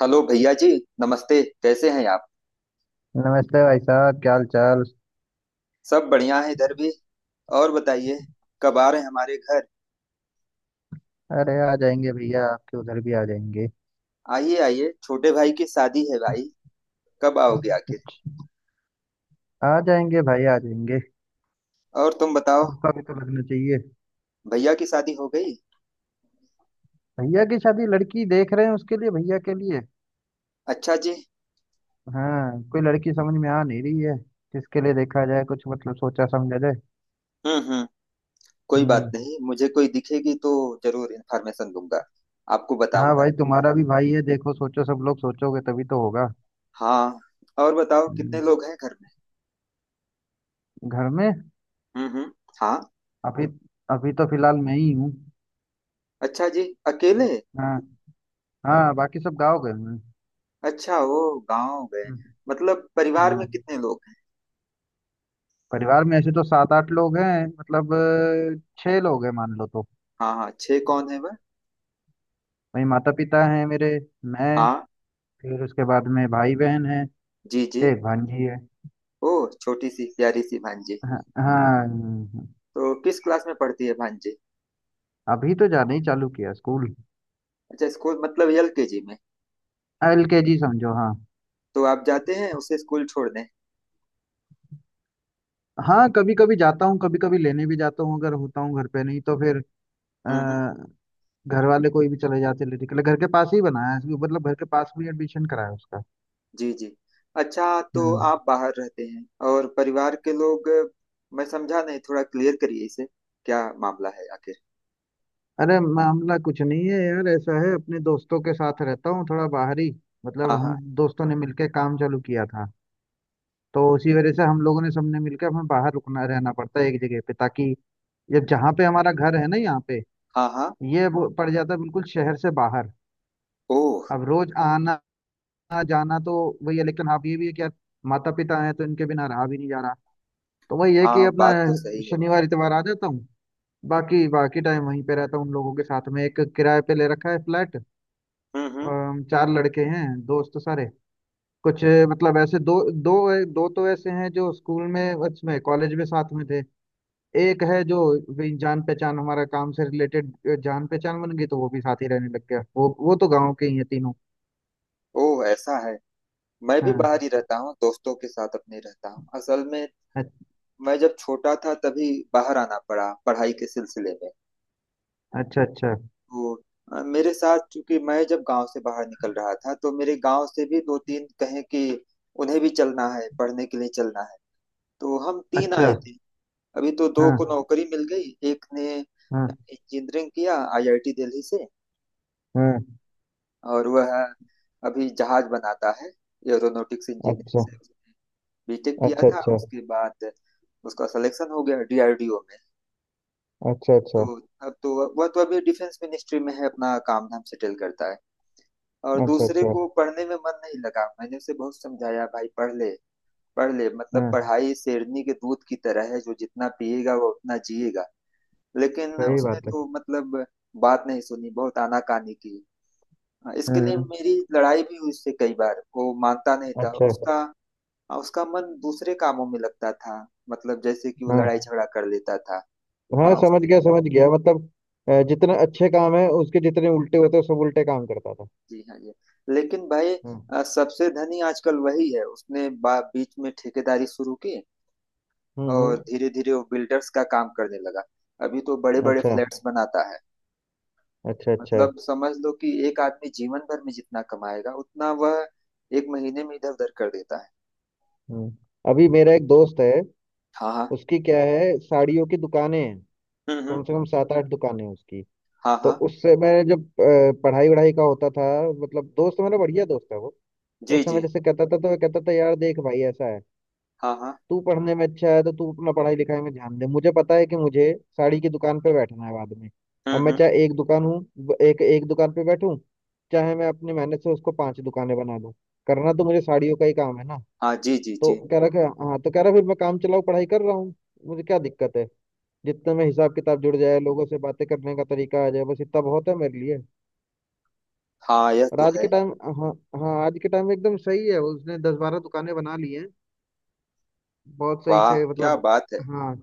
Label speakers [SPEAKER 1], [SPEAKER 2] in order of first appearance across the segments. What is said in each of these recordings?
[SPEAKER 1] Hello भैया जी। नमस्ते, कैसे हैं आप?
[SPEAKER 2] नमस्ते भाई साहब, क्या हाल चाल।
[SPEAKER 1] सब बढ़िया है, इधर भी। और बताइए, कब आ रहे हैं हमारे घर?
[SPEAKER 2] अरे आ जाएंगे भैया, आपके उधर भी आ जाएंगे।
[SPEAKER 1] आइए आइए, छोटे भाई की शादी है भाई। कब आओगे आखिर?
[SPEAKER 2] आ जाएंगे भाई, आ जाएंगे।
[SPEAKER 1] और तुम बताओ।
[SPEAKER 2] मौका भी तो लगना चाहिए।
[SPEAKER 1] भैया की शादी हो गई?
[SPEAKER 2] भैया की शादी, लड़की देख रहे हैं उसके लिए, भैया के लिए।
[SPEAKER 1] अच्छा जी।
[SPEAKER 2] हाँ, कोई लड़की समझ में आ नहीं रही है। किसके लिए देखा जाए, कुछ मतलब सोचा समझा जाए।
[SPEAKER 1] हम्म। कोई बात
[SPEAKER 2] हम्म।
[SPEAKER 1] नहीं, मुझे कोई दिखेगी तो जरूर इन्फॉर्मेशन दूंगा, आपको
[SPEAKER 2] हाँ
[SPEAKER 1] बताऊंगा।
[SPEAKER 2] भाई, तुम्हारा भी भाई है, देखो सोचो, सब लोग सोचोगे तभी तो होगा।
[SPEAKER 1] हाँ। और बताओ, कितने
[SPEAKER 2] हम्म,
[SPEAKER 1] लोग हैं घर में?
[SPEAKER 2] घर में।
[SPEAKER 1] हम्म। हाँ।
[SPEAKER 2] अभी, अभी तो फिलहाल मैं ही हूँ।
[SPEAKER 1] अच्छा जी। अकेले?
[SPEAKER 2] हाँ। हाँ, बाकी सब गाँव गए हुए हैं।
[SPEAKER 1] अच्छा, वो गाँव गए?
[SPEAKER 2] हम्म,
[SPEAKER 1] मतलब परिवार में
[SPEAKER 2] हाँ,
[SPEAKER 1] कितने लोग हैं?
[SPEAKER 2] परिवार में ऐसे तो सात आठ लोग हैं, मतलब छह लोग हैं मान लो तो।
[SPEAKER 1] हाँ हाँ, छह कौन है वह?
[SPEAKER 2] वही माता पिता हैं मेरे, मैं,
[SPEAKER 1] हाँ।
[SPEAKER 2] फिर उसके बाद में भाई बहन है।
[SPEAKER 1] जी जी।
[SPEAKER 2] एक भांजी है।
[SPEAKER 1] ओह, छोटी सी प्यारी सी भांजी।
[SPEAKER 2] हाँ। हाँ,
[SPEAKER 1] तो किस क्लास में पढ़ती है भांजी?
[SPEAKER 2] अभी तो जाना ही चालू किया स्कूल।
[SPEAKER 1] अच्छा, स्कूल मतलब एलकेजी में?
[SPEAKER 2] एलकेजी समझो, हाँ।
[SPEAKER 1] तो आप जाते हैं उसे स्कूल छोड़ने?
[SPEAKER 2] हाँ, कभी कभी जाता हूँ, कभी कभी लेने भी जाता हूँ, अगर होता हूँ घर पे, नहीं तो फिर
[SPEAKER 1] हम्म।
[SPEAKER 2] अ, घर वाले कोई भी चले जाते लेने के लिए, घर के पास ही बनाया है, मतलब घर के पास में एडमिशन कराया उसका।
[SPEAKER 1] जी जी। अच्छा। तो
[SPEAKER 2] हम्म
[SPEAKER 1] आप बाहर रहते हैं और परिवार के लोग? मैं समझा नहीं, थोड़ा क्लियर करिए इसे। क्या मामला है आखिर?
[SPEAKER 2] अरे मामला कुछ नहीं है यार, ऐसा है अपने दोस्तों के साथ रहता हूँ थोड़ा बाहरी। मतलब
[SPEAKER 1] हाँ
[SPEAKER 2] हम
[SPEAKER 1] हाँ।
[SPEAKER 2] दोस्तों ने मिलके काम चालू किया था। तो उसी वजह से हम लोगों ने सबने मिलकर हमें बाहर रुकना रहना पड़ता है एक जगह पे, ताकि जब जहाँ पे हमारा घर है ना यहाँ पे,
[SPEAKER 1] हाँ हाँ।
[SPEAKER 2] ये वो पड़ जाता है बिल्कुल शहर से बाहर।
[SPEAKER 1] ओह।
[SPEAKER 2] अब रोज आना जाना तो वही है, लेकिन आप ये भी है कि यार माता पिता हैं, तो इनके बिना रहा भी नहीं जा रहा। तो वही है कि
[SPEAKER 1] हाँ,
[SPEAKER 2] अपना
[SPEAKER 1] बात तो सही है।
[SPEAKER 2] शनिवार इतवार आ जाता हूँ। बाकी बाकी टाइम वहीं पे रहता हूँ उन लोगों के साथ में, एक किराए पे ले रखा है फ्लैट।
[SPEAKER 1] हम्म।
[SPEAKER 2] चार लड़के हैं दोस्त सारे। कुछ मतलब ऐसे दो दो दो तो ऐसे हैं जो स्कूल में, उसमें कॉलेज में साथ में थे। एक है जो वही जान पहचान हमारा काम से रिलेटेड, जान पहचान बन गई तो वो भी साथ ही रहने लग गया। वो तो गांव के ही है तीनों।
[SPEAKER 1] ओह, ऐसा है। मैं भी
[SPEAKER 2] हाँ।
[SPEAKER 1] बाहर ही रहता हूँ, दोस्तों के साथ अपने रहता हूँ असल में।
[SPEAKER 2] अ-
[SPEAKER 1] मैं जब छोटा था तभी बाहर आना पड़ा पढ़ाई के सिलसिले में।
[SPEAKER 2] अच्छा, अच्छा,
[SPEAKER 1] वो मेरे साथ, चूंकि मैं जब गांव से बाहर निकल रहा था, तो मेरे गांव से भी दो तीन, कहें कि उन्हें भी चलना है, पढ़ने के लिए चलना है, तो हम तीन आए
[SPEAKER 2] अच्छा।
[SPEAKER 1] थे। अभी तो दो
[SPEAKER 2] हाँ,
[SPEAKER 1] को नौकरी मिल गई, एक ने
[SPEAKER 2] हाँ,
[SPEAKER 1] इंजीनियरिंग किया आईआईटी दिल्ली से,
[SPEAKER 2] हाँ।
[SPEAKER 1] और वह अभी जहाज बनाता है। एरोनॉटिक्स इंजीनियरिंग
[SPEAKER 2] अच्छा,
[SPEAKER 1] से उसने बीटेक किया
[SPEAKER 2] अच्छा,
[SPEAKER 1] था,
[SPEAKER 2] अच्छा।
[SPEAKER 1] उसके बाद उसका सिलेक्शन हो गया डीआरडीओ में।
[SPEAKER 2] अच्छा, अच्छा,
[SPEAKER 1] तो अब तो वह तो अभी डिफेंस मिनिस्ट्री में है, अपना काम धाम सेटल करता है। और
[SPEAKER 2] अच्छा,
[SPEAKER 1] दूसरे
[SPEAKER 2] अच्छा।
[SPEAKER 1] को पढ़ने में मन नहीं लगा। मैंने उसे बहुत समझाया, भाई पढ़ ले, पढ़ ले, मतलब
[SPEAKER 2] हाँ।
[SPEAKER 1] पढ़ाई शेरनी के दूध की तरह है, जो जितना पिएगा वो उतना जिएगा। लेकिन
[SPEAKER 2] सही
[SPEAKER 1] उसने
[SPEAKER 2] बात है।
[SPEAKER 1] तो मतलब बात नहीं सुनी, बहुत आनाकानी की।
[SPEAKER 2] हाँ,
[SPEAKER 1] इसके लिए
[SPEAKER 2] हाँ,
[SPEAKER 1] मेरी लड़ाई भी हुई उससे कई बार, वो मानता नहीं था
[SPEAKER 2] अच्छा।
[SPEAKER 1] उसका। उसका मन दूसरे कामों में लगता था, मतलब जैसे कि वो
[SPEAKER 2] हाँ,
[SPEAKER 1] लड़ाई झगड़ा कर लेता था।
[SPEAKER 2] हाँ,
[SPEAKER 1] उसने...
[SPEAKER 2] समझ गया मतलब। जितने अच्छे काम है उसके, जितने उल्टे होते हैं सब उल्टे काम करता था।
[SPEAKER 1] जी हाँ जी। लेकिन भाई,
[SPEAKER 2] हम्म,
[SPEAKER 1] सबसे धनी आजकल वही है। उसने बीच में ठेकेदारी शुरू की,
[SPEAKER 2] हम्म,
[SPEAKER 1] और धीरे धीरे वो बिल्डर्स का काम करने लगा। अभी तो बड़े बड़े
[SPEAKER 2] अच्छा,
[SPEAKER 1] फ्लैट्स बनाता है।
[SPEAKER 2] अच्छा, अच्छा।
[SPEAKER 1] मतलब समझ लो कि एक आदमी जीवन भर में जितना कमाएगा, उतना वह एक महीने में इधर उधर कर देता है।
[SPEAKER 2] हम्म अभी मेरा एक दोस्त है,
[SPEAKER 1] हाँ हाँ।
[SPEAKER 2] उसकी क्या है, साड़ियों की दुकानें हैं।
[SPEAKER 1] हम्म।
[SPEAKER 2] कम से कम सात आठ दुकानें हैं उसकी।
[SPEAKER 1] हाँ
[SPEAKER 2] तो
[SPEAKER 1] हाँ।
[SPEAKER 2] उससे मैं, जब पढ़ाई वढ़ाई का होता था, मतलब दोस्त, मेरा बढ़िया दोस्त है वो, तो
[SPEAKER 1] जी
[SPEAKER 2] उस समय
[SPEAKER 1] जी।
[SPEAKER 2] जैसे कहता था तो मैं कहता था, यार देख भाई, ऐसा है,
[SPEAKER 1] हाँ हाँ।
[SPEAKER 2] तू पढ़ने में अच्छा है तो तू अपना पढ़ाई लिखाई में ध्यान दे। मुझे पता है कि मुझे साड़ी की दुकान पे बैठना है बाद में। अब मैं
[SPEAKER 1] हम्म।
[SPEAKER 2] चाहे एक दुकान हूँ, एक एक दुकान पे बैठूं, चाहे मैं अपनी मेहनत से उसको पांच दुकानें बना दूं, करना तो मुझे साड़ियों का ही काम है ना।
[SPEAKER 1] हाँ। जी जी
[SPEAKER 2] तो
[SPEAKER 1] जी।
[SPEAKER 2] कह रहा कि हाँ। तो कह रहा, फिर मैं काम चलाऊ पढ़ाई कर रहा हूँ, मुझे क्या दिक्कत है, जितने में हिसाब किताब जुड़ जाए, लोगों से बातें करने का तरीका आ जाए, बस इतना बहुत है मेरे लिए।
[SPEAKER 1] हाँ, यह
[SPEAKER 2] और
[SPEAKER 1] तो
[SPEAKER 2] आज
[SPEAKER 1] है।
[SPEAKER 2] के टाइम, हाँ, हाँ, आज के टाइम में एकदम सही है, उसने 10-12 दुकानें बना ली हैं, बहुत सही
[SPEAKER 1] वाह,
[SPEAKER 2] से,
[SPEAKER 1] क्या
[SPEAKER 2] मतलब।
[SPEAKER 1] बात है।
[SPEAKER 2] हाँ,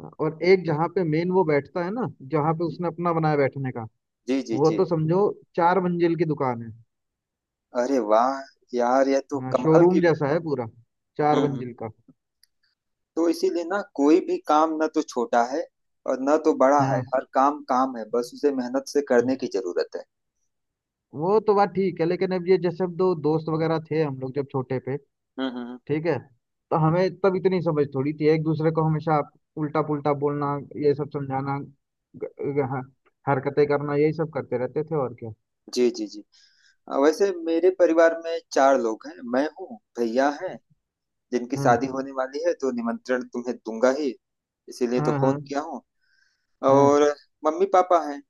[SPEAKER 2] हाँ, और एक जहाँ पे मेन वो बैठता है ना, जहाँ पे
[SPEAKER 1] जी
[SPEAKER 2] उसने अपना बनाया बैठने का,
[SPEAKER 1] जी जी
[SPEAKER 2] वो
[SPEAKER 1] जी।
[SPEAKER 2] तो समझो चार मंजिल की दुकान है।
[SPEAKER 1] अरे वाह, यार यह तो
[SPEAKER 2] हाँ,
[SPEAKER 1] कमाल
[SPEAKER 2] शोरूम
[SPEAKER 1] की।
[SPEAKER 2] जैसा है पूरा, चार
[SPEAKER 1] हम्म
[SPEAKER 2] मंजिल
[SPEAKER 1] हम्म।
[SPEAKER 2] का।
[SPEAKER 1] तो इसीलिए ना, कोई भी काम ना तो छोटा है और ना तो बड़ा है।
[SPEAKER 2] हाँ,
[SPEAKER 1] हर काम काम है, बस उसे मेहनत से करने की जरूरत है।
[SPEAKER 2] वो तो बात ठीक है, लेकिन अब ये जैसे अब दो दोस्त वगैरह थे हम लोग जब छोटे पे,
[SPEAKER 1] हम्म हम्म, हम्म।
[SPEAKER 2] ठीक है, तो हमें तब इतनी समझ थोड़ी थी, एक दूसरे को हमेशा उल्टा पुल्टा बोलना, ये सब समझाना ग, ग, हाँ, हरकतें करना यही सब करते रहते थे और क्या।
[SPEAKER 1] जी जी जी। वैसे मेरे परिवार में चार लोग हैं। मैं हूँ, भैया हैं, जिनकी
[SPEAKER 2] हाँ,
[SPEAKER 1] शादी होने वाली है, तो निमंत्रण तुम्हें दूंगा ही, इसीलिए तो
[SPEAKER 2] हाँ, हाँ,
[SPEAKER 1] फोन किया हूँ।
[SPEAKER 2] हाँ,
[SPEAKER 1] और मम्मी पापा हैं।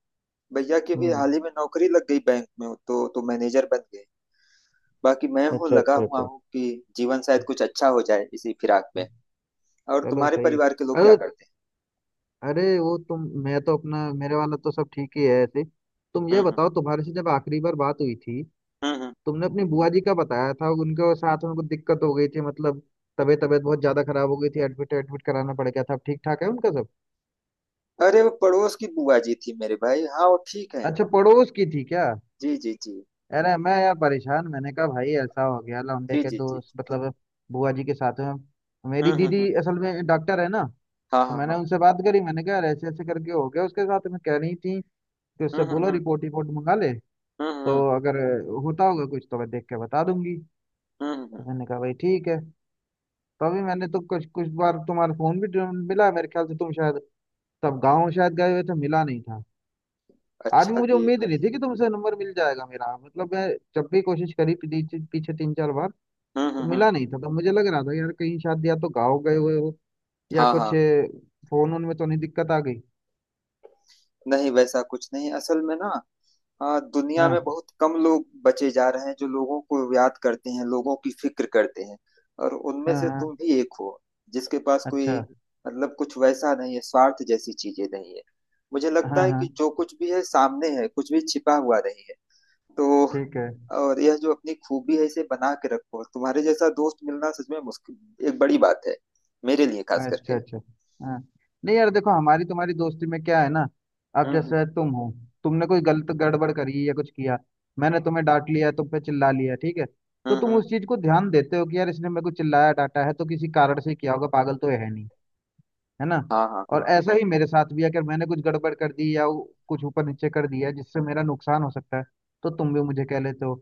[SPEAKER 1] भैया की भी
[SPEAKER 2] हम्म,
[SPEAKER 1] हाल ही में नौकरी लग गई बैंक में, तो मैनेजर बन गए। बाकी मैं हूँ,
[SPEAKER 2] अच्छा,
[SPEAKER 1] लगा
[SPEAKER 2] अच्छा,
[SPEAKER 1] हुआ
[SPEAKER 2] अच्छा।
[SPEAKER 1] हूँ कि जीवन शायद कुछ अच्छा हो जाए इसी फिराक में। और
[SPEAKER 2] चलो
[SPEAKER 1] तुम्हारे
[SPEAKER 2] सही है।
[SPEAKER 1] परिवार के लोग क्या
[SPEAKER 2] अरे,
[SPEAKER 1] करते हैं?
[SPEAKER 2] अरे वो तुम, मैं तो अपना, मेरे वाला तो सब ठीक ही है ऐसे। तुम ये
[SPEAKER 1] हम्म।
[SPEAKER 2] बताओ, तुम्हारे से जब आखिरी बार बात हुई थी
[SPEAKER 1] हम्म हम्म।
[SPEAKER 2] तुमने अपनी बुआ जी का बताया था, उनके साथ में कुछ दिक्कत हो गई थी, मतलब तबीयत तबीयत बहुत ज्यादा खराब हो गई थी, एडमिट एडमिट कराना पड़ गया था, अब ठीक ठाक है उनका सब।
[SPEAKER 1] अरे, वो पड़ोस की बुआ जी थी मेरे भाई। हाँ वो ठीक है।
[SPEAKER 2] अच्छा, पड़ोस की थी क्या।
[SPEAKER 1] जी जी जी।
[SPEAKER 2] अरे मैं यार परेशान, मैंने कहा भाई ऐसा हो गया लौंडे
[SPEAKER 1] जी
[SPEAKER 2] के
[SPEAKER 1] जी जी
[SPEAKER 2] दोस्त,
[SPEAKER 1] जी।
[SPEAKER 2] मतलब बुआ जी के साथ में, मेरी दीदी
[SPEAKER 1] हम्म।
[SPEAKER 2] असल में डॉक्टर है ना,
[SPEAKER 1] हाँ
[SPEAKER 2] तो
[SPEAKER 1] हाँ
[SPEAKER 2] मैंने
[SPEAKER 1] हाँ।
[SPEAKER 2] उनसे बात करी, मैंने कहा, यार ऐसे ऐसे करके हो गया उसके साथ में, कह रही थी कि उससे बोलो
[SPEAKER 1] हम्म।
[SPEAKER 2] रिपोर्ट रिपोर्ट मंगा ले, तो
[SPEAKER 1] हम्म।
[SPEAKER 2] अगर होता होगा कुछ तो मैं देख के बता दूंगी।
[SPEAKER 1] हम्म।
[SPEAKER 2] तो मैंने कहा भाई ठीक है। तो अभी मैंने तो कुछ कुछ बार तुम्हारा फोन भी मिला, मेरे ख्याल से तुम शायद तब गाँव शायद गए हुए थे, मिला नहीं था। आज भी
[SPEAKER 1] अच्छा
[SPEAKER 2] मुझे
[SPEAKER 1] किए
[SPEAKER 2] उम्मीद नहीं
[SPEAKER 1] भाई।
[SPEAKER 2] थी कि तुमसे नंबर मिल जाएगा, मेरा मतलब मैं जब भी कोशिश करी पीछे पीछे 3-4 बार, तो
[SPEAKER 1] हम्म।
[SPEAKER 2] मिला नहीं था। तो मुझे लग रहा था यार कहीं शायद या तो गाँव गए हुए हो या
[SPEAKER 1] हाँ
[SPEAKER 2] कुछ
[SPEAKER 1] हाँ।
[SPEAKER 2] फोन उनमें तो नहीं दिक्कत आ गई।
[SPEAKER 1] नहीं, वैसा कुछ नहीं, असल में ना, दुनिया में
[SPEAKER 2] हाँ,
[SPEAKER 1] बहुत कम लोग बचे जा रहे हैं जो लोगों को याद करते हैं, लोगों की फिक्र करते हैं। और उनमें
[SPEAKER 2] हाँ,
[SPEAKER 1] से
[SPEAKER 2] हाँ,
[SPEAKER 1] तुम भी एक हो, जिसके पास कोई
[SPEAKER 2] अच्छा।
[SPEAKER 1] मतलब कुछ वैसा नहीं है, स्वार्थ जैसी चीजें नहीं है। मुझे
[SPEAKER 2] हाँ,
[SPEAKER 1] लगता है
[SPEAKER 2] हाँ,
[SPEAKER 1] कि जो कुछ भी है सामने है, कुछ भी छिपा हुआ नहीं है। तो
[SPEAKER 2] ठीक है।
[SPEAKER 1] और यह जो अपनी खूबी है, इसे बना के रखो। तुम्हारे जैसा दोस्त मिलना सच में मुश्किल, एक बड़ी बात है मेरे लिए, खास
[SPEAKER 2] अच्छा,
[SPEAKER 1] करके।
[SPEAKER 2] अच्छा। हाँ, नहीं यार देखो, हमारी तुम्हारी दोस्ती में क्या है ना, अब
[SPEAKER 1] हम्म
[SPEAKER 2] जैसे तुम हो, तुमने कोई गलत गड़बड़ करी या कुछ किया, मैंने तुम्हें डांट लिया, तुम पे चिल्ला लिया, ठीक है,
[SPEAKER 1] हम्म।
[SPEAKER 2] तो तुम
[SPEAKER 1] हम्म।
[SPEAKER 2] उस चीज को ध्यान देते हो कि यार इसने मेरे को चिल्लाया डांटा है तो किसी कारण से किया होगा, पागल तो है नहीं, है ना।
[SPEAKER 1] हाँ हाँ।
[SPEAKER 2] और
[SPEAKER 1] हाँ
[SPEAKER 2] ऐसा ही मेरे साथ भी है, अगर मैंने कुछ गड़बड़ कर दी या वो कुछ ऊपर नीचे कर दिया जिससे मेरा नुकसान हो सकता है, तो तुम भी मुझे कह लेते हो।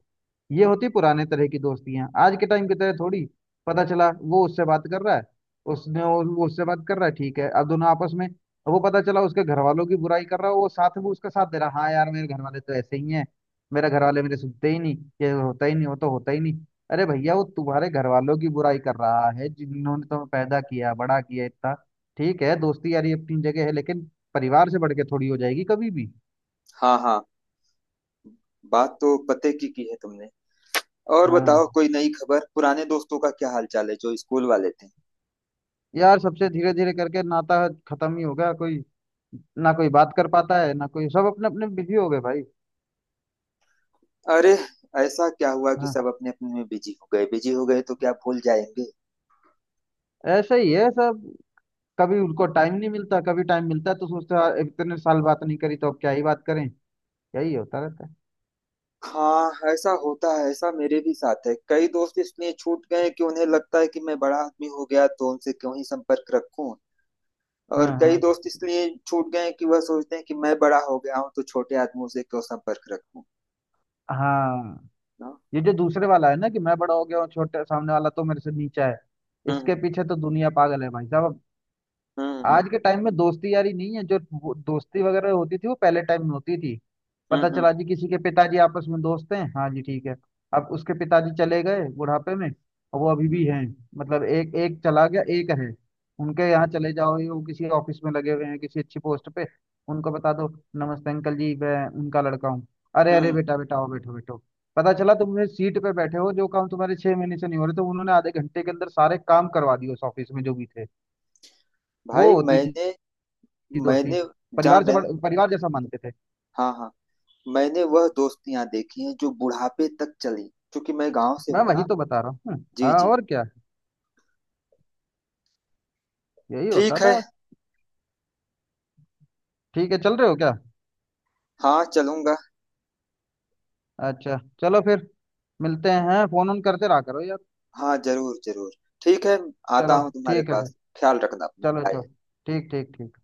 [SPEAKER 2] ये होती पुराने तरह की दोस्तियां, आज के टाइम की तरह थोड़ी पता चला वो उससे बात कर रहा है, उसने वो उससे बात कर रहा है, ठीक है, अब दोनों आपस में, वो पता चला उसके घर वालों की बुराई कर रहा है, वो साथ में उसका साथ दे रहा है, हाँ यार मेरे घर वाले तो ऐसे ही हैं, मेरे घर वाले मेरे सुनते ही नहीं, ये होता ही नहीं वो तो होता ही नहीं। अरे भैया, वो तुम्हारे घर वालों की बुराई कर रहा है जिन्होंने तुम्हें पैदा किया बड़ा किया इतना, ठीक है, दोस्ती यारी अपनी जगह है लेकिन परिवार से बढ़ के थोड़ी हो जाएगी कभी भी।
[SPEAKER 1] हाँ। हाँ, बात तो पते की है तुमने। और
[SPEAKER 2] हाँ,
[SPEAKER 1] बताओ, कोई नई खबर, पुराने दोस्तों का क्या हाल चाल है, जो स्कूल वाले थे?
[SPEAKER 2] यार सबसे धीरे धीरे करके नाता खत्म ही हो गया, कोई ना कोई बात कर पाता है ना कोई, सब अपने अपने बिजी हो गए भाई।
[SPEAKER 1] अरे, ऐसा क्या हुआ कि
[SPEAKER 2] हाँ,
[SPEAKER 1] सब अपने अपने में बिजी हो गए? बिजी हो गए तो क्या भूल जाएंगे?
[SPEAKER 2] ऐसे ही है सब, कभी उनको टाइम नहीं मिलता, कभी टाइम मिलता है तो सोचते हैं, यार, इतने साल बात नहीं करी तो अब क्या ही बात करें। यही होता रहता है।
[SPEAKER 1] हाँ, ऐसा होता है, ऐसा मेरे भी साथ है। कई दोस्त इसलिए छूट गए कि उन्हें लगता है कि मैं बड़ा आदमी हो गया तो उनसे क्यों ही संपर्क रखूं। और
[SPEAKER 2] हाँ,
[SPEAKER 1] कई
[SPEAKER 2] हाँ,
[SPEAKER 1] दोस्त इसलिए छूट गए हैं कि वह सोचते हैं कि मैं बड़ा हो गया हूँ तो छोटे आदमियों से क्यों संपर्क रखूं।
[SPEAKER 2] हाँ।
[SPEAKER 1] ना।
[SPEAKER 2] ये जो दूसरे वाला है ना कि मैं बड़ा हो गया हूँ, छोटे सामने वाला तो मेरे से नीचा है,
[SPEAKER 1] हम्म।
[SPEAKER 2] इसके पीछे तो दुनिया पागल है भाई साहब।
[SPEAKER 1] हम्म।
[SPEAKER 2] आज के टाइम में दोस्ती यारी नहीं है जो, वो दोस्ती वगैरह होती थी वो पहले टाइम में होती थी। पता
[SPEAKER 1] हम्म
[SPEAKER 2] चला जी किसी के पिताजी आपस में दोस्त हैं, हाँ जी ठीक है, अब उसके पिताजी चले गए बुढ़ापे में और वो अभी भी
[SPEAKER 1] हम्म।
[SPEAKER 2] हैं। मतलब एक एक चला गया एक है, उनके यहाँ चले जाओ, ये वो किसी ऑफिस में लगे हुए हैं किसी अच्छी पोस्ट पे, उनको बता दो, नमस्ते अंकल जी, मैं उनका लड़का हूँ। अरे अरे
[SPEAKER 1] हम्म।
[SPEAKER 2] बेटा, बेटा आओ, बैठो बैठो। पता चला तुम सीट पे बैठे हो, जो काम तुम्हारे 6 महीने से नहीं हो रहे, तो उन्होंने आधे घंटे के अंदर सारे काम करवा दिए उस ऑफिस में जो भी थे। वो
[SPEAKER 1] भाई
[SPEAKER 2] होती थी
[SPEAKER 1] मैंने...
[SPEAKER 2] की दोस्ती,
[SPEAKER 1] मैंने जान
[SPEAKER 2] परिवार से
[SPEAKER 1] रहे।
[SPEAKER 2] परिवार जैसा मानते थे।
[SPEAKER 1] हाँ हाँ। मैंने वह दोस्तियां देखी हैं जो बुढ़ापे तक चली, क्योंकि मैं गांव से
[SPEAKER 2] मैं
[SPEAKER 1] हूं
[SPEAKER 2] वही
[SPEAKER 1] ना।
[SPEAKER 2] तो बता रहा हूँ,
[SPEAKER 1] जी
[SPEAKER 2] हाँ
[SPEAKER 1] जी।
[SPEAKER 2] और क्या। यही होता
[SPEAKER 1] ठीक है।
[SPEAKER 2] था। ठीक है, चल रहे हो क्या।
[SPEAKER 1] हाँ चलूंगा।
[SPEAKER 2] अच्छा चलो फिर, मिलते हैं, फोन ऑन करते रहा करो यार।
[SPEAKER 1] हाँ जरूर जरूर। ठीक है। आता
[SPEAKER 2] चलो
[SPEAKER 1] हूँ तुम्हारे
[SPEAKER 2] ठीक है फिर,
[SPEAKER 1] पास, ख्याल रखना अपना।
[SPEAKER 2] चलो चलो,
[SPEAKER 1] बाय।
[SPEAKER 2] ठीक ठीक ठीक।